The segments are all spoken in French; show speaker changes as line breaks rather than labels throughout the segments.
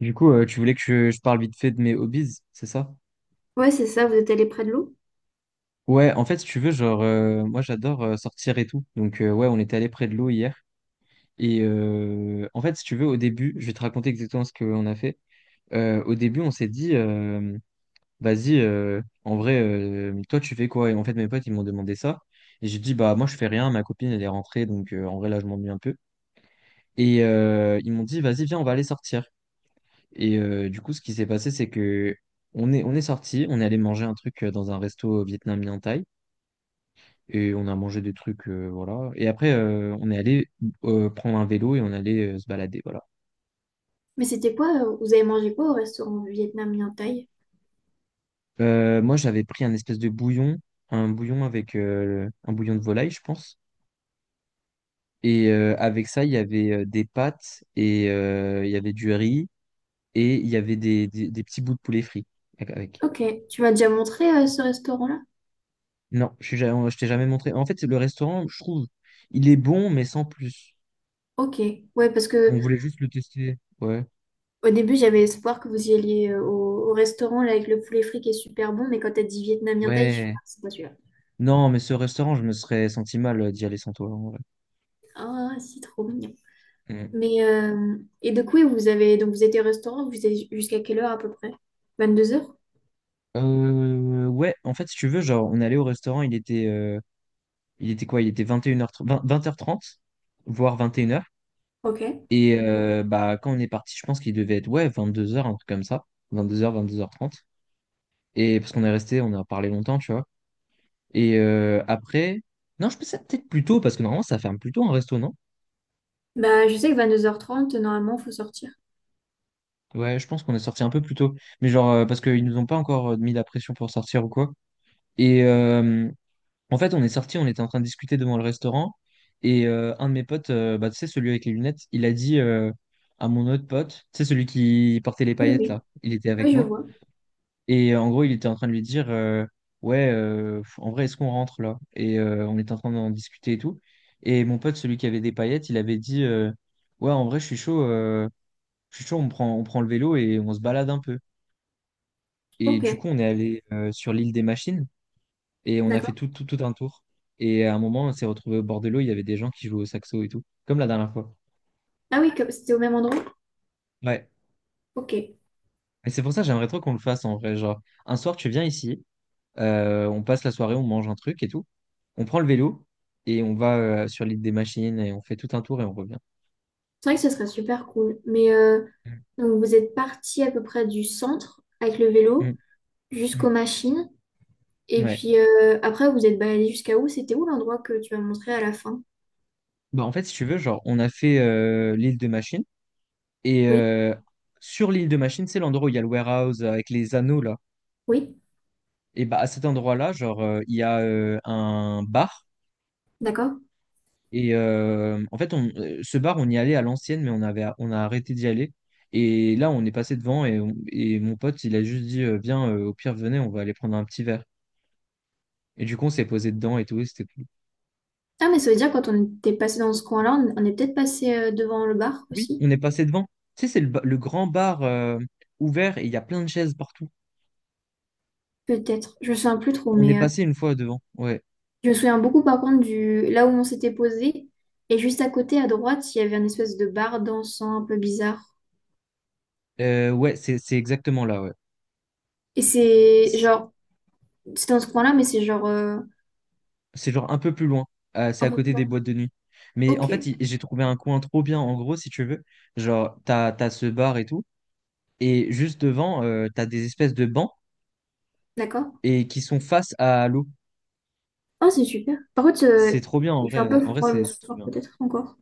Du coup, tu voulais que je parle vite fait de mes hobbies, c'est ça?
Ouais, c'est ça, vous êtes allé près de l'eau.
Ouais, en fait, si tu veux, genre, moi, j'adore sortir et tout. Donc, ouais, on était allé près de l'eau hier. Et en fait, si tu veux, au début, je vais te raconter exactement ce qu'on a fait. Au début, on s'est dit, vas-y, en vrai, toi, tu fais quoi? Et en fait, mes potes, ils m'ont demandé ça. Et j'ai dit, bah, moi, je fais rien. Ma copine, elle est rentrée. Donc, en vrai, là, je m'ennuie un peu. Et ils m'ont dit, vas-y, viens, on va aller sortir. Et du coup, ce qui s'est passé, c'est que on est sorti, on est allé manger un truc dans un resto vietnamien thaï, et on a mangé des trucs, voilà. Et après, on est allé prendre un vélo et on allait se balader, voilà.
Mais c'était quoi? Vous avez mangé quoi au restaurant vietnamien Thaï?
Moi, j'avais pris un espèce de bouillon, un bouillon avec un bouillon de volaille, je pense. Et avec ça, il y avait des pâtes et il y avait du riz et il y avait des petits bouts de poulet frit avec.
Ok, tu m'as déjà montré ce restaurant-là?
Non, je t'ai jamais montré. En fait, le restaurant, je trouve, il est bon, mais sans plus.
Ok, ouais, parce que
On voulait juste le tester. Ouais.
au début j'avais espoir que vous y alliez au restaurant là, avec le poulet frit qui est super bon, mais quand t'as dit vietnamien Thaï, je suis
Ouais.
ah, c'est pas celui-là.
Non, mais ce restaurant, je me serais senti mal d'y aller sans toi. En vrai.
Ah, c'est trop mignon.
Mm.
Mais et donc oui, vous avez donc vous étiez au restaurant, vous êtes jusqu'à quelle heure à peu près? 22h?
Ouais, en fait, si tu veux, genre, on allait au restaurant, il était quoi? Il était 21h30, 20h30, voire 21h.
Ok.
Et une heures. Et bah, quand on est parti, je pense qu'il devait être, ouais, 22h, un truc comme ça. 22h, 22h30. Et parce qu'on est resté, on a parlé longtemps, tu vois. Et après, non, je pensais peut-être plus tôt, parce que normalement, ça ferme plus tôt un resto, non?
Bah je sais que 22h30, normalement, faut sortir.
Ouais, je pense qu'on est sorti un peu plus tôt. Mais genre, parce qu'ils nous ont pas encore mis la pression pour sortir ou quoi. Et en fait, on est sorti, on était en train de discuter devant le restaurant. Et un de mes potes, bah, tu sais, celui avec les lunettes, il a dit à mon autre pote, tu sais, celui qui portait les
Oui,
paillettes
oui.
là, il était avec
Oui, je
moi.
vois.
Et en gros, il était en train de lui dire, ouais, en vrai, est-ce qu'on rentre là? Et on était en train d'en discuter et tout. Et mon pote, celui qui avait des paillettes, il avait dit, ouais, en vrai, je suis chaud, on prend le vélo et on se balade un peu. Et
Ok.
du coup, on est allé sur l'île des machines et on a fait
D'accord.
tout un tour. Et à un moment, on s'est retrouvé au bord de l'eau, il y avait des gens qui jouaient au saxo et tout, comme la dernière fois.
Ah oui, c'était au même endroit?
Ouais.
Ok. C'est
Et c'est pour ça que j'aimerais trop qu'on le fasse en vrai. Genre, un soir, tu viens ici, on passe la soirée, on mange un truc et tout. On prend le vélo et on va sur l'île des machines et on fait tout un tour et on revient.
vrai que ce serait super cool. Mais donc vous êtes parti à peu près du centre avec le
Mm,
vélo
mm,
jusqu'aux machines.
mm.
Et
Ouais.
puis après, vous êtes baladé jusqu'à où? C'était où l'endroit que tu m'as montré à la fin?
Bah, en fait, si tu veux, genre, on a fait l'île de Machine. Et
Oui,
sur l'île de Machine, c'est l'endroit où il y a le warehouse avec les anneaux, là.
oui,
Et bah à cet endroit-là, genre il y a un bar
d'accord.
et en fait on, ce bar on y allait à l'ancienne mais on a arrêté d'y aller. Et là on est passé devant et, et mon pote il a juste dit viens au pire venez on va aller prendre un petit verre. Et du coup on s'est posé dedans et tout et c'était cool.
Ah, mais ça veut dire quand on était passé dans ce coin-là, on est peut-être passé devant le bar
Oui,
aussi.
on est passé devant. Tu sais c'est le grand bar ouvert et il y a plein de chaises partout.
Peut-être. Je me souviens plus trop,
On est
mais
passé une fois devant. Ouais.
je me souviens beaucoup par contre du là où on s'était posé. Et juste à côté, à droite, il y avait un espèce de bar dansant un peu bizarre.
Ouais, c'est exactement là, ouais.
Et c'est genre, c'était dans ce coin-là, mais c'est genre
C'est genre un peu plus loin. C'est
un
à
peu plus
côté des
loin.
boîtes de nuit. Mais en
Ok,
fait, j'ai trouvé un coin trop bien, en gros, si tu veux. Genre, t'as ce bar et tout. Et juste devant, t'as des espèces de bancs
d'accord.
et qui sont face à l'eau.
Ah c'est super. Par contre,
C'est trop bien, en
il fait un
vrai.
peu
En vrai,
froid le
c'est trop
soir,
bien.
peut-être encore.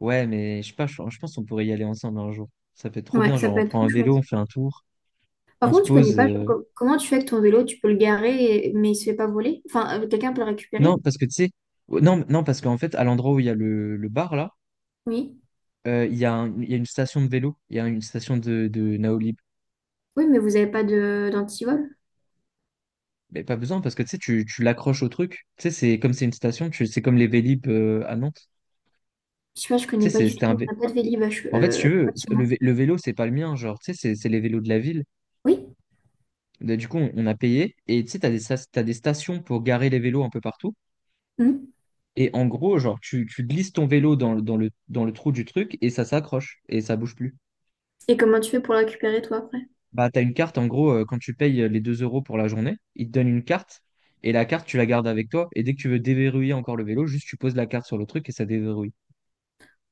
Ouais, mais je sais pas, je pense qu'on pourrait y aller ensemble un jour. Ça peut être trop
Ouais,
bien.
ça
Genre,
peut
on
être
prend
trop
un vélo,
chouette.
on fait un tour,
Par
on se
contre, tu connais
pose.
pas, genre, comment tu fais avec ton vélo? Tu peux le garer, mais il se fait pas voler? Enfin, quelqu'un peut le
Non,
récupérer?
parce que tu sais. Oh, Non, non, parce qu'en fait, à l'endroit où il y a le bar, là,
Oui.
il y a il y a une station de vélo. Il y a une station de Naoli.
Oui, mais vous avez pas de d'antivol?
Mais pas besoin parce que tu sais, tu l'accroches au truc. Tu sais, c'est comme c'est une station, tu, c'est comme les Vélib à Nantes.
Je sais pas, je
Tu
connais
sais,
pas
c'est-
du tout.
c'était un
On
vé-
n'a pas de Vélib à
En fait, si tu veux,
près de chez moi.
le vélo, c'est pas le mien, genre, tu sais, c'est les vélos de la ville.
Oui.
Bah, du coup, on a payé et tu sais, t'as des stations pour garer les vélos un peu partout.
Hmm.
Et en gros, genre, tu glisses ton vélo dans le trou du truc et ça s'accroche et ça bouge plus.
Et comment tu fais pour le récupérer, toi, après?
Bah, t'as une carte, en gros, quand tu payes les 2 € pour la journée, ils te donnent une carte et la carte, tu la gardes avec toi. Et dès que tu veux déverrouiller encore le vélo, juste tu poses la carte sur le truc et ça déverrouille.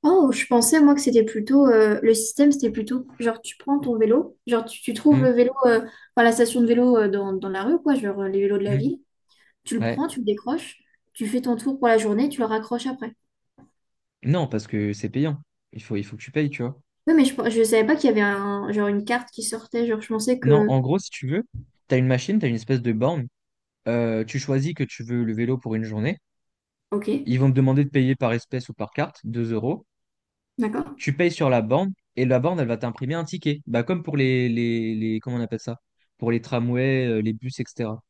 Oh, je pensais moi que c'était plutôt le système, c'était plutôt genre tu prends ton vélo, tu trouves le vélo, enfin la station de vélo dans la rue, quoi, genre les vélos de la
Mm.
ville, tu le
Ouais.
prends, tu le décroches, tu fais ton tour pour la journée, tu le raccroches après.
Non, parce que c'est payant. Il faut que tu payes, tu vois.
Oui, mais je savais pas qu'il y avait un, genre une carte qui sortait, genre je pensais
Non, en
que.
gros, si tu veux, tu as une machine, tu as une espèce de borne. Tu choisis que tu veux le vélo pour une journée.
Ok,
Ils vont te demander de payer par espèce ou par carte, 2 euros.
d'accord.
Tu payes sur la borne et la borne, elle va t'imprimer un ticket. Bah, comme pour les, comment on appelle ça? Pour les tramways, les bus, etc.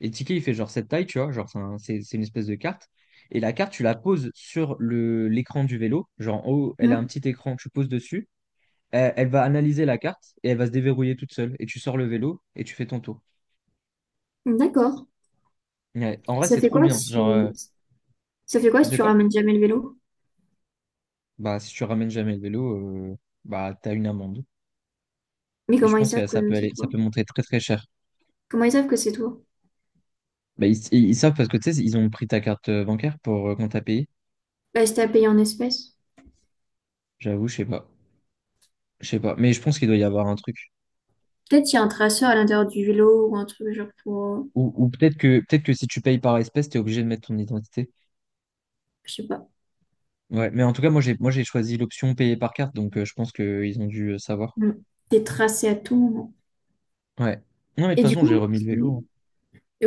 Et le ticket, il fait genre cette taille, tu vois. Genre, c'est une espèce de carte. Et la carte, tu la poses sur l'écran du vélo. Genre, en haut, elle a un petit écran, tu poses dessus. Elle va analyser la carte et elle va se déverrouiller toute seule. Et tu sors le vélo et tu fais ton tour.
Hmm, d'accord.
Ouais. En vrai,
Ça
c'est
fait
trop
quoi
bien. Genre,
si Ça fait quoi si
de
tu
quoi?
ramènes jamais le vélo?
Bah, si tu ramènes jamais le vélo, bah, t'as une amende.
Mais
Et je
comment ils
pense que
savent
ça
que
peut
c'est
aller, ça
toi?
peut monter très très cher.
Comment ils savent que c'est toi?
Bah, ils savent parce que tu sais, ils ont pris ta carte bancaire pour quand t'as payé.
Bah, c'était à payer en espèces.
J'avoue, je sais pas. Je sais pas. Mais je pense qu'il doit y avoir un truc.
Peut-être il y a un traceur à l'intérieur du vélo ou un truc genre pour,
Ou peut-être que si tu payes par espèce, t'es obligé de mettre ton identité.
je sais pas,
Ouais. Mais en tout cas, moi, j'ai choisi l'option payer par carte. Donc, je pense qu'ils ont dû savoir.
mm, des tracés à tout moment.
Ouais. Non, mais de toute
Et du
façon, j'ai
coup,
remis le
c'est-
vélo, hein.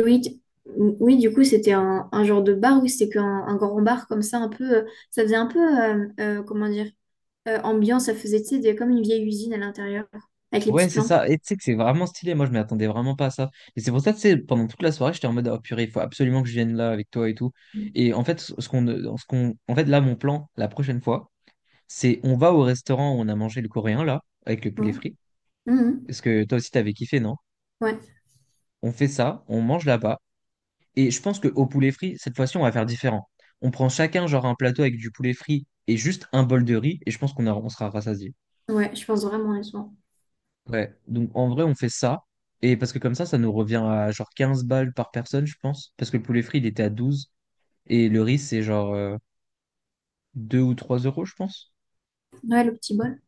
oui, t- oui, du coup, c'était un genre de bar oui, c'était qu'un un grand bar comme ça, un peu, ça faisait un peu, comment dire, ambiance, ça faisait, tu sais, comme une vieille usine à l'intérieur, avec les
Ouais,
petites
c'est
lampes.
ça. Et tu sais que c'est vraiment stylé. Moi, je m'y attendais vraiment pas à ça. Et c'est pour ça, tu sais, pendant toute la soirée, j'étais en mode, oh purée, il faut absolument que je vienne là avec toi et tout. Et en fait, en fait, là, mon plan, la prochaine fois, c'est on va au restaurant où on a mangé le coréen, là, avec le
Ouais.
poulet frit.
Mhm.
Parce que toi aussi, t'avais kiffé, non?
Ouais,
On fait ça, on mange là-bas. Et je pense qu'au poulet frit, cette fois-ci, on va faire différent. On prend chacun, genre, un plateau avec du poulet frit et juste un bol de riz. Et je pense qu'on sera rassasiés.
ouais, je pense vraiment à ça.
Ouais, donc en vrai, on fait ça. Et parce que comme ça nous revient à genre 15 balles par personne, je pense. Parce que le poulet frit, il était à 12. Et le riz, c'est genre 2 ou 3 euros, je pense.
Ouais, le petit bol.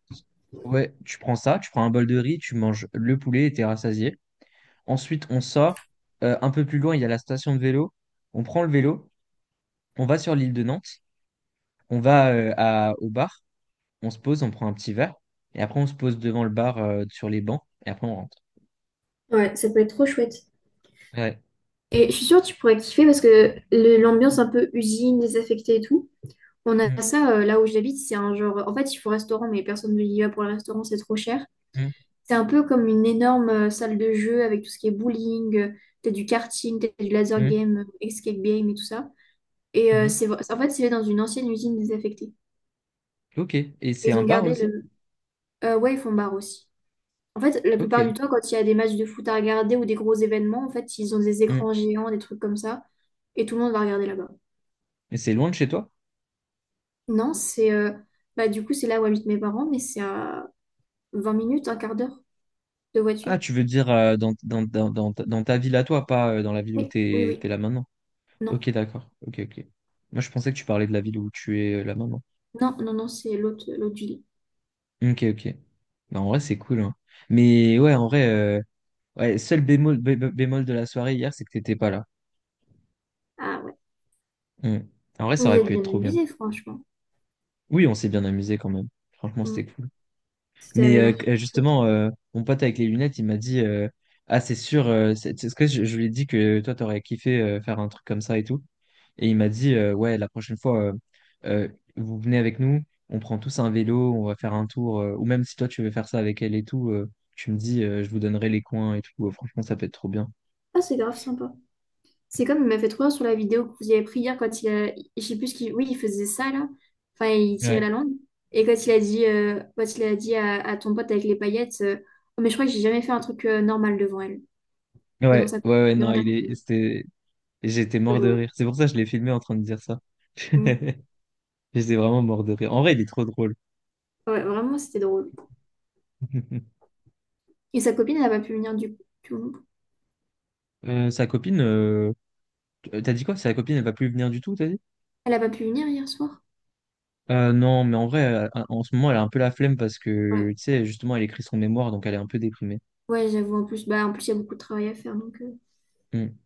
Ouais, tu prends ça, tu prends un bol de riz, tu manges le poulet et t'es rassasié. Ensuite, on sort. Un peu plus loin, il y a la station de vélo. On prend le vélo, on va sur l'île de Nantes, on va au bar, on se pose, on prend un petit verre. Et après, on se pose devant le bar sur les bancs. Et après, on rentre.
Ouais, ça peut être trop chouette.
Ouais.
Et je suis sûre que tu pourrais kiffer parce que l'ambiance un peu usine, désaffectée et tout, on a
Mm,
ça là où j'habite, c'est un genre. En fait, il faut restaurant, mais personne ne y va pour le restaurant, c'est trop cher.
mm,
C'est un peu comme une énorme salle de jeu avec tout ce qui est bowling, t'as du karting, t'as du laser
mm,
game, escape game et tout ça. Et
mhm.
c'est en fait, c'est fait dans une ancienne usine désaffectée.
Ok. Et c'est
Ils
un
ont
bar
gardé
aussi?
le. Ouais, ils font bar aussi. En fait, la plupart
Ok.
du temps, quand il y a des matchs de foot à regarder ou des gros événements, en fait, ils ont des
Hmm.
écrans géants, des trucs comme ça, et tout le monde va regarder là-bas.
Et c'est loin de chez toi?
Non, c'est. Bah, du coup, c'est là où habitent mes parents, mais c'est à 20 minutes, un quart d'heure. De
Ah,
voiture?
tu veux dire ta dans ta ville à toi, pas dans la ville où
Oui, oui,
t'es,
oui.
t'es là maintenant.
Non,
Ok, d'accord. Ok, ok. Moi, je pensais que tu parlais de la ville où tu es là maintenant.
non, c'est l'autre, l'autre du lit.
Ok, ok. Bah, en vrai, c'est cool, hein. Mais ouais, en vrai, ouais, seul bémol, bémol de la soirée hier, c'est que t'étais pas là.
Ah ouais.
Hmm. En vrai, ça
Vous
aurait
êtes
pu être
bien
trop bien.
amusés, franchement.
Oui, on s'est bien amusé quand même. Franchement,
Mm.
c'était cool.
Ça
Mais
avait l'air super chouette.
justement, mon pote avec les lunettes, il m'a dit ah, c'est sûr, c'est ce que je lui ai dit que toi, t'aurais kiffé faire un truc comme ça et tout. Et il m'a dit ouais, la prochaine fois, euh, vous venez avec nous, on prend tous un vélo, on va faire un tour. Ou même si toi, tu veux faire ça avec elle et tout, tu me dis je vous donnerai les coins et tout. Franchement, ça peut être trop bien.
Ah, c'est grave sympa. C'est comme il m'a fait trop rire sur la vidéo que vous avez pris hier quand il a... Je sais plus ce qu'il... Oui, il faisait ça, là. Enfin, il tirait la
Ouais,
langue. Et quand il a dit, à ton pote avec les paillettes... Oh, mais je crois que j'ai jamais fait un truc normal devant elle.
ouais,
Devant sa...
ouais, ouais, non,
Devant ta copine.
j'étais
C'est
mort de
drôle.
rire. C'est pour ça que je l'ai filmé en train de dire ça.
Mm.
J'étais vraiment mort de rire. En vrai, il est trop drôle.
Ouais, vraiment, c'était drôle. Et sa copine, elle n'a pas pu venir du coup.
Sa copine, t'as dit quoi? Sa copine, elle va plus venir du tout, t'as dit?
Elle n'a pas pu venir hier soir.
Non, mais en vrai, en ce moment, elle a un peu la flemme parce
Ouais,
que, tu sais, justement, elle écrit son mémoire, donc elle est un peu déprimée.
ouais, j'avoue, en plus, bah, en plus, il y a beaucoup de travail à faire, donc...
Hmm.